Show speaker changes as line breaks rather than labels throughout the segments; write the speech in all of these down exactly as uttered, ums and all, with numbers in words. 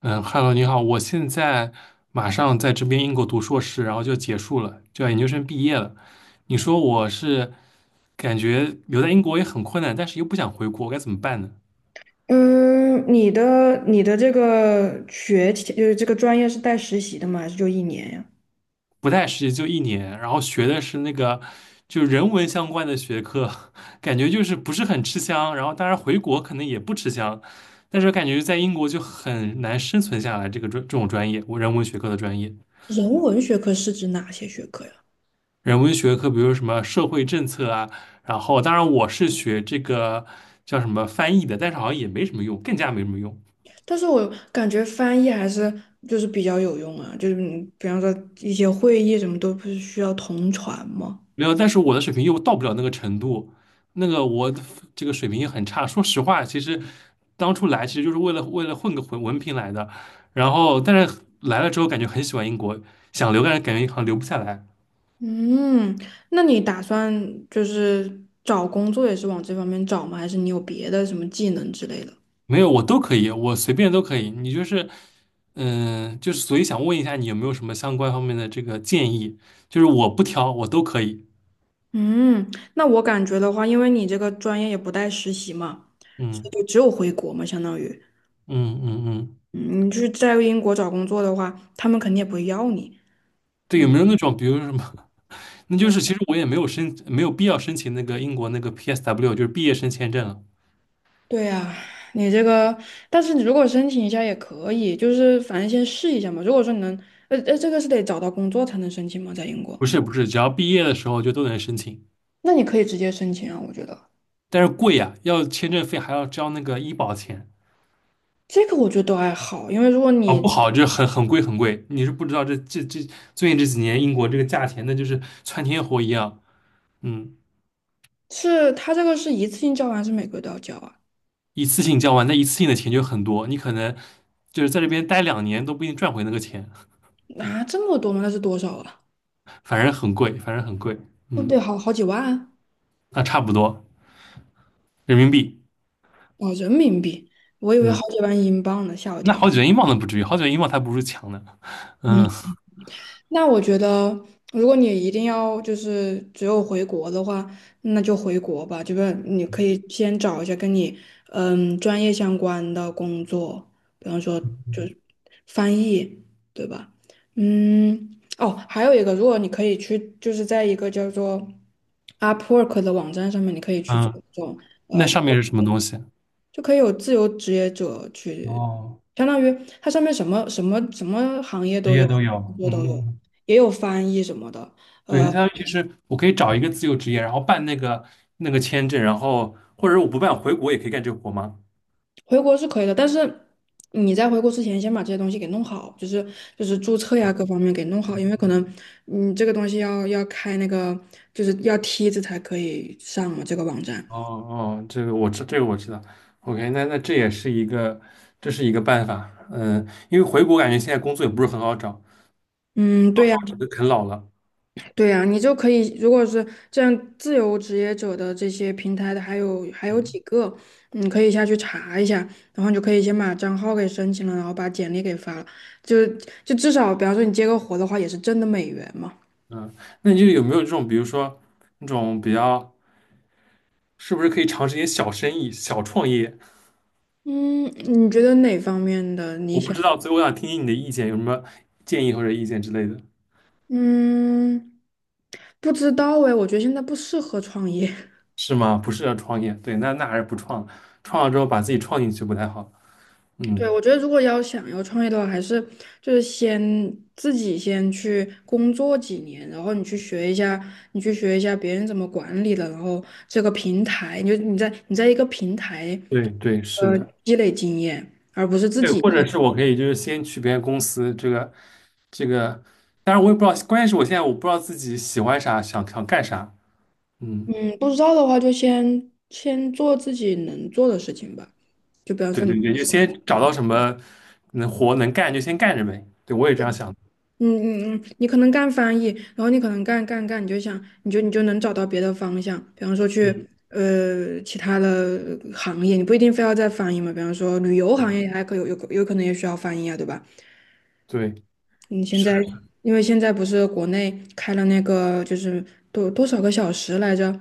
嗯，Hello，你好，我现在马上在这边英国读硕士，然后就结束了，就要研究生毕业了。你说我是感觉留在英国也很困难，但是又不想回国，该怎么办呢？
嗯，你的你的这个学期就是这个专业是带实习的吗？还是就一年呀？
不太实习就一年，然后学的是那个就人文相关的学科，感觉就是不是很吃香。然后当然回国可能也不吃香，但是感觉在英国就很难生存下来这个专这种专业，我人文学科的专业。
人文学科是指哪些学科呀？
人文学科，比如什么社会政策啊，然后当然我是学这个叫什么翻译的，但是好像也没什么用，更加没什么用。
但是我感觉翻译还是就是比较有用啊，就是你比方说一些会议什么都不是需要同传吗？
没有，但是我的水平又到不了那个程度，那个我的这个水平也很差。说实话，其实当初来其实就是为了为了混个文文凭来的，然后但是来了之后感觉很喜欢英国，想留但是感觉好像留不下来。
嗯，那你打算就是找工作也是往这方面找吗？还是你有别的什么技能之类的？
没有，我都可以，我随便都可以。你就是，嗯、就是所以想问一下，你有没有什么相关方面的这个建议？就是我不挑，我都可以。
嗯，那我感觉的话，因为你这个专业也不带实习嘛，所以
嗯
就只有回国嘛，相当于。
嗯嗯嗯，
嗯，你去在英国找工作的话，他们肯定也不会要你。
对，有
嗯，
没有那种，比如说什么？那就是其实我也没有申，没有必要申请那个英国那个 P S W，就是毕业生签证了。
对呀，你这个，但是你如果申请一下也可以，就是反正先试一下嘛。如果说你能，呃呃，这个是得找到工作才能申请吗？在英国，
不是不是，只要毕业的时候就都能申请，
那你可以直接申请啊，我觉得
但是贵呀、要签证费还要交那个医保钱。
这个我觉得都还好，因为如果
哦，
你
不好，就很很贵很贵。你是不知道这这这最近这几年英国这个价钱，那就是窜天猴一样。嗯。
是他这个是一次性交完，还是每个月都要交啊？
一次性交完，那一次性的钱就很多，你可能就是在这边待两年都不一定赚回那个钱，
啊，这么多吗？那是多少啊？
反正很贵，反正很贵。
对不得
嗯，
好好几万啊
那差不多人民币。
哦，人民币，我以为好
嗯，
几万英镑呢，吓我一
那
跳。
好几元英镑都不至于，好几元英镑它不是强的。嗯
那我觉得，如果你一定要就是只有回国的话，那就回国吧。就是你可以先找一下跟你嗯专业相关的工作，比方说就是翻译，对吧？嗯，哦，还有一个，如果你可以去，就是在一个叫做 Upwork 的网站上面，你可以去做
嗯，
这种。
那
呃。
上面是什么东西？
就可以有自由职业者去，
哦，
相当于它上面什么什么什么行业
职
都
业
有，
都有。
工作都
嗯嗯，
有，
嗯
也有翻译什么的。
对，那相当于其实我可以找一个自由职业，然后办那个那个签证，然后或者我不办回国也可以干这个活吗？
回国是可以的，但是你在回国之前先把这些东西给弄好，就是就是注册呀各方面给弄好，因为可能你这个东西要要开那个就是要梯子才可以上嘛，这个网站。
哦哦，这个我知，这个我知道。OK，那那这也是一个，这是一个办法。嗯，因为回国感觉现在工作也不是很好找，
嗯，
到
对
时
呀。
候整个啃老了。
对呀，你就可以，如果是这样自由职业者的这些平台的，还有还有
嗯
几个，你可以下去查一下，然后你就可以先把账号给申请了，然后把简历给发了，就就至少，比方说你接个活的话，也是挣的美元嘛。
嗯，那你就有没有这种，比如说那种比较，是不是可以尝试一些小生意、小创业？
嗯，你觉得哪方面的你
我不
想？
知道，所以我想听听你的意见，有什么建议或者意见之类的？
嗯，不知道哎，我觉得现在不适合创业。
是吗？不是要创业，对，那那还是不创了，创了之后把自己创进去不太好。
对，
嗯，
我觉得如果要想要创业的话，还是就是先自己先去工作几年，然后你去学一下，你去学一下别人怎么管理的，然后这个平台，你就你在你在一个平台，
对对，是
呃，
的。
积累经验，而不是自
对，
己
或者
先。
是我可以就是先去别人公司，这个这个，当然我也不知道，关键是我现在我不知道自己喜欢啥，想想干啥。嗯，
嗯，不知道的话就先先做自己能做的事情吧，就比方
对
说你。
对对，就先找到什么能活能干就先干着呗。对，我也这样想的。
嗯嗯嗯，你可能干翻译，然后你可能干干干，你就想，你就你就能找到别的方向，比方说去
嗯
呃其他的呃行业，你不一定非要在翻译嘛，比方说旅游行
嗯，
业还可有有有可能也需要翻译啊，对吧？
对，
你现
是
在
的，
因为现在不是国内开了那个就是多多少个小时来着，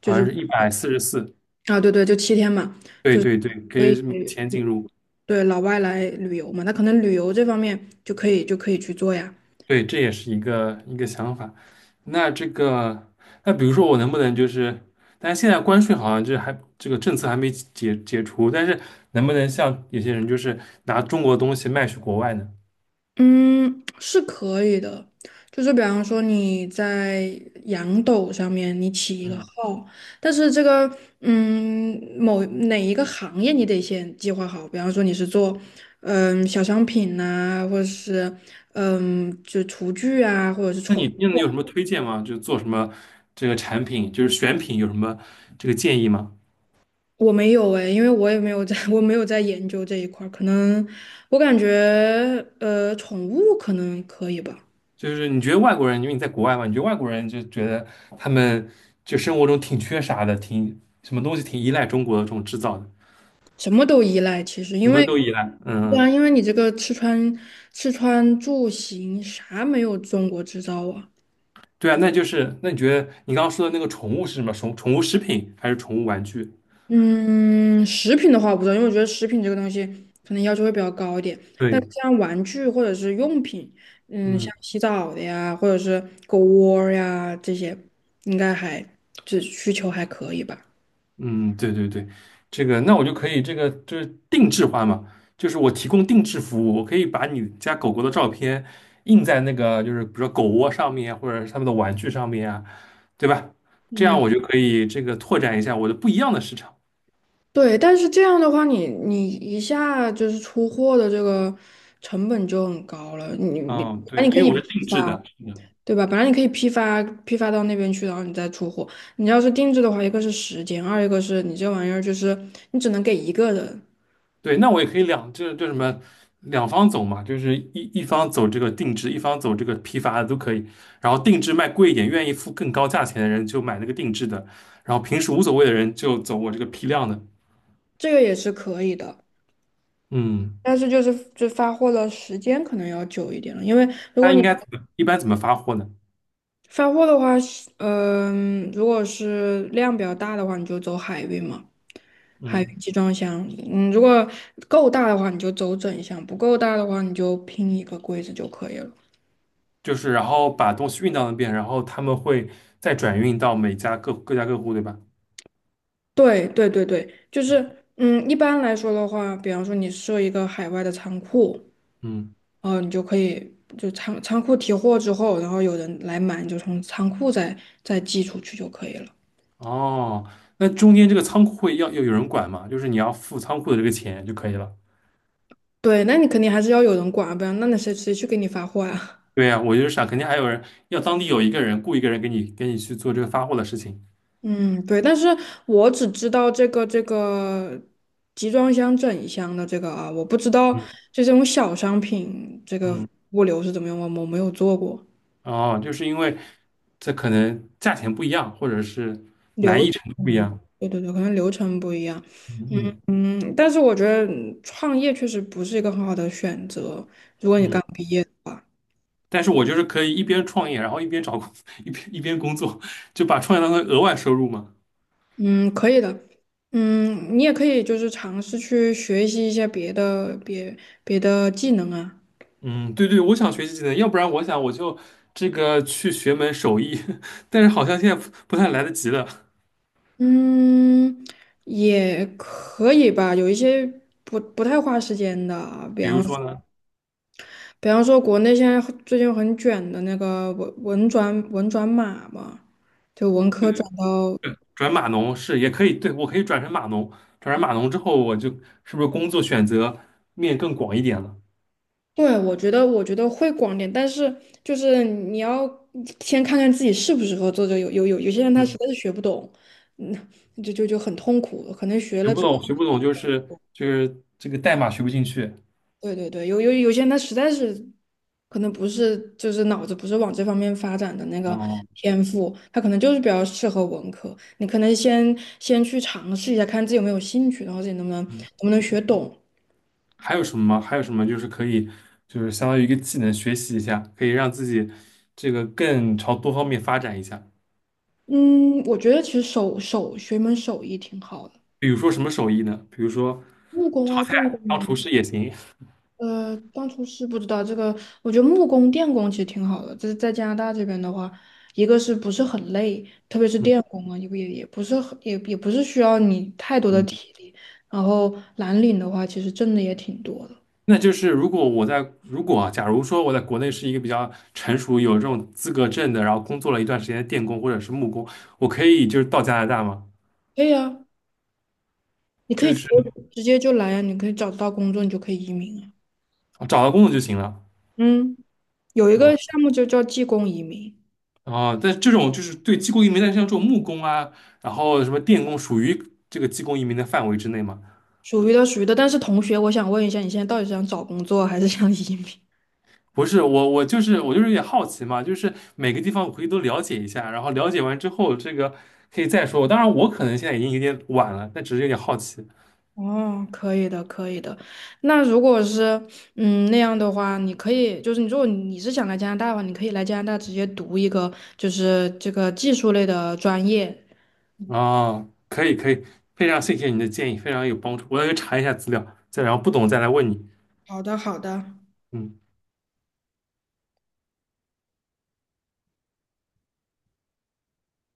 就
好像
是
是一百四十四。
啊对对，就七天嘛，
对对对，可
所以
以每天进入。
对老外来旅游嘛，那可能旅游这方面就可以就可以去做呀。
对，这也是一个一个想法。那这个，那比如说我能不能就是，但是现在关税好像就是还这个政策还没解解除，但是能不能像有些人就是拿中国的东西卖去国外呢？
嗯，是可以的，就是比方说你在羊斗上面你起一个
嗯。
号，但是这个嗯某哪一个行业你得先计划好，比方说你是做嗯小商品呐、或者是嗯就厨具啊，或者是
那你
宠。
那你有什么推荐吗？就做什么这个产品，就是选品有什么这个建议吗？
我没有哎，因为我也没有在，我没有在研究这一块儿，可能我感觉呃宠物可能可以吧。
就是你觉得外国人，因为你在国外嘛，你觉得外国人就觉得他们就生活中挺缺啥的，挺什么东西挺依赖中国的这种制造的，
什么都依赖，其实
什
因
么
为
都依赖。
对啊，
嗯
因为你这个吃穿吃穿住行啥没有中国制造啊。
对啊，那就是那你觉得你刚刚说的那个宠物是什么？宠宠物食品还是宠物玩具？
嗯，食品的话我不知道，因为我觉得食品这个东西可能要求会比较高一点。但是
对，
像玩具或者是用品，嗯，
嗯
像洗澡的呀，或者是狗窝儿呀这些，应该还这需求还可以吧。
嗯，对对对，这个那我就可以这个就是定制化嘛，就是我提供定制服务，我可以把你家狗狗的照片印在那个就是比如说狗窝上面或者是他们的玩具上面啊，对吧？这样
嗯。
我就可以这个拓展一下我的不一样的市场。
对，但是这样的话你，你一下就是出货的这个成本就很高了。你你本
嗯，
来
对，
你
因
可
为
以
我是
批
定制
发，
的。
对吧？本来你可以批发批发到那边去，然后你再出货。你要是定制的话，一个是时间，二一个是你这玩意儿就是你只能给一个人，
对，那我也可以两，就是就什么两方走嘛，就是一一方走这个定制，一方走这个批发的都可以。然后定制卖贵一点，愿意付更高价钱的人就买那个定制的，然后平时无所谓的人就走我这个批量的。
这个也是可以的。
嗯，
但是就是就发货的时间可能要久一点了，因为如果
那
你
应该怎么一般怎么发货呢？
发货的话，嗯、如果是量比较大的话，你就走海运嘛。还有
嗯，
集装箱嗯，如果够大的话，你就走整箱；不够大的话，你就拼一个柜子就可以了。
就是然后把东西运到那边，然后他们会再转运到每家各各家各户，对吧？
对对对对，就是嗯，一般来说的话，比方说你设一个海外的仓库，
嗯，
呃，你就可以就仓仓库提货之后，然后有人来买，你就从仓库再再寄出去就可以了。
哦，那中间这个仓库会要要有人管吗？就是你要付仓库的这个钱就可以了。
对，那你肯定还是要有人管啊，不然那那谁谁去给你发货啊？
对呀，我就是想，肯定还有人要当地有一个人雇一个人给你给你去做这个发货的事情。
嗯，对，但是我只知道这个这个集装箱整一箱的这个啊，我不知道
嗯，
就这种小商品这个
嗯，
物流是怎么样，我我没有做过，
哦，就是因为这可能价钱不一样，或者是
流可
不一
能
样。
对对对，可能流程不一样。
嗯嗯
嗯，但是我觉得嗯创业确实不是一个很好的选择，如果你刚
嗯。
毕业的话，
但是我就是可以一边创业，然后一边找工，一边一边工作，就把创业当成额外收入嘛。
嗯，可以的。嗯，你也可以就是尝试去学习一些别的别别的技能啊。
嗯，对对，我想学习技能，要不然我想我就这个去学门手艺，但是好像现在不不太来得及了。
嗯，也可以吧，有一些不不太花时间的，比
比如
方
说呢？
比方说国内现在很最近很卷的那个文文转文转码嘛，就文科转到，
转码农是也可以，对，我可以转成码农，转成码农之后，我就是不是工作选择面更广一点了？
对，我觉得我觉得会广点，但是就是你要先看看自己适不适合做这个，有有有有些人他实
嗯，
在是学不懂，那就就就很痛苦，可能学
学
了
不
之后。
懂，学不懂就是就是这个代码学不进去。
对对对，有有有些人他实在是可能不是就是脑子不是往这方面发展的那个
哦，
天赋，他可能就是比较适合文科。你可能先先去尝试一下，看自己有没有兴趣，然后自己能不能能
嗯，
不能学懂。
还有什么吗？还有什么就是可以就是相当于一个技能学习一下，可以让自己这个更朝多方面发展一下。
嗯，我觉得其实手手学一门手艺挺好的，
比如说什么手艺呢？比如说
木工
炒
啊、电工
菜，当厨师也行。
呃，当初是不知道这个，我觉得木工、电工其实挺好的。就是在加拿大这边的话，一个是不是很累，特别是
嗯
电工啊，也不也也不是很也也不是需要你太多的
嗯，
体力。然后蓝领的话，其实挣的也挺多的。
那就是如果我在如果啊假如说我在国内是一个比较成熟、有这种资格证的，然后工作了一段时间的电工或者是木工，我可以就是到加拿大吗？
可以啊，你可以
就
直
是
接直接就来啊，你可以找得到工作，你就可以移民啊。
找到工作就行了。
嗯，有一
啊
个项目就叫技工移民，
啊，但这种就是对技工移民，但是像这种木工啊，然后什么电工，属于这个技工移民的范围之内吗？
属于的属于的。但是同学，我想问一下，你现在到底是想找工作还是想移民？
不是，我我就是我就是有点好奇嘛，就是每个地方我可以都了解一下，然后了解完之后，这个可以再说。当然，我可能现在已经有点晚了，但只是有点好奇。
哦，可以的，可以的。那如果是嗯那样的话，你可以就是你如果你是想来加拿大的话，你可以来加拿大直接读一个就是这个技术类的专业。
哦，可以可以，非常谢谢你的建议，非常有帮助。我要去查一下资料，再然后不懂再来问你。
好的，好的。
嗯。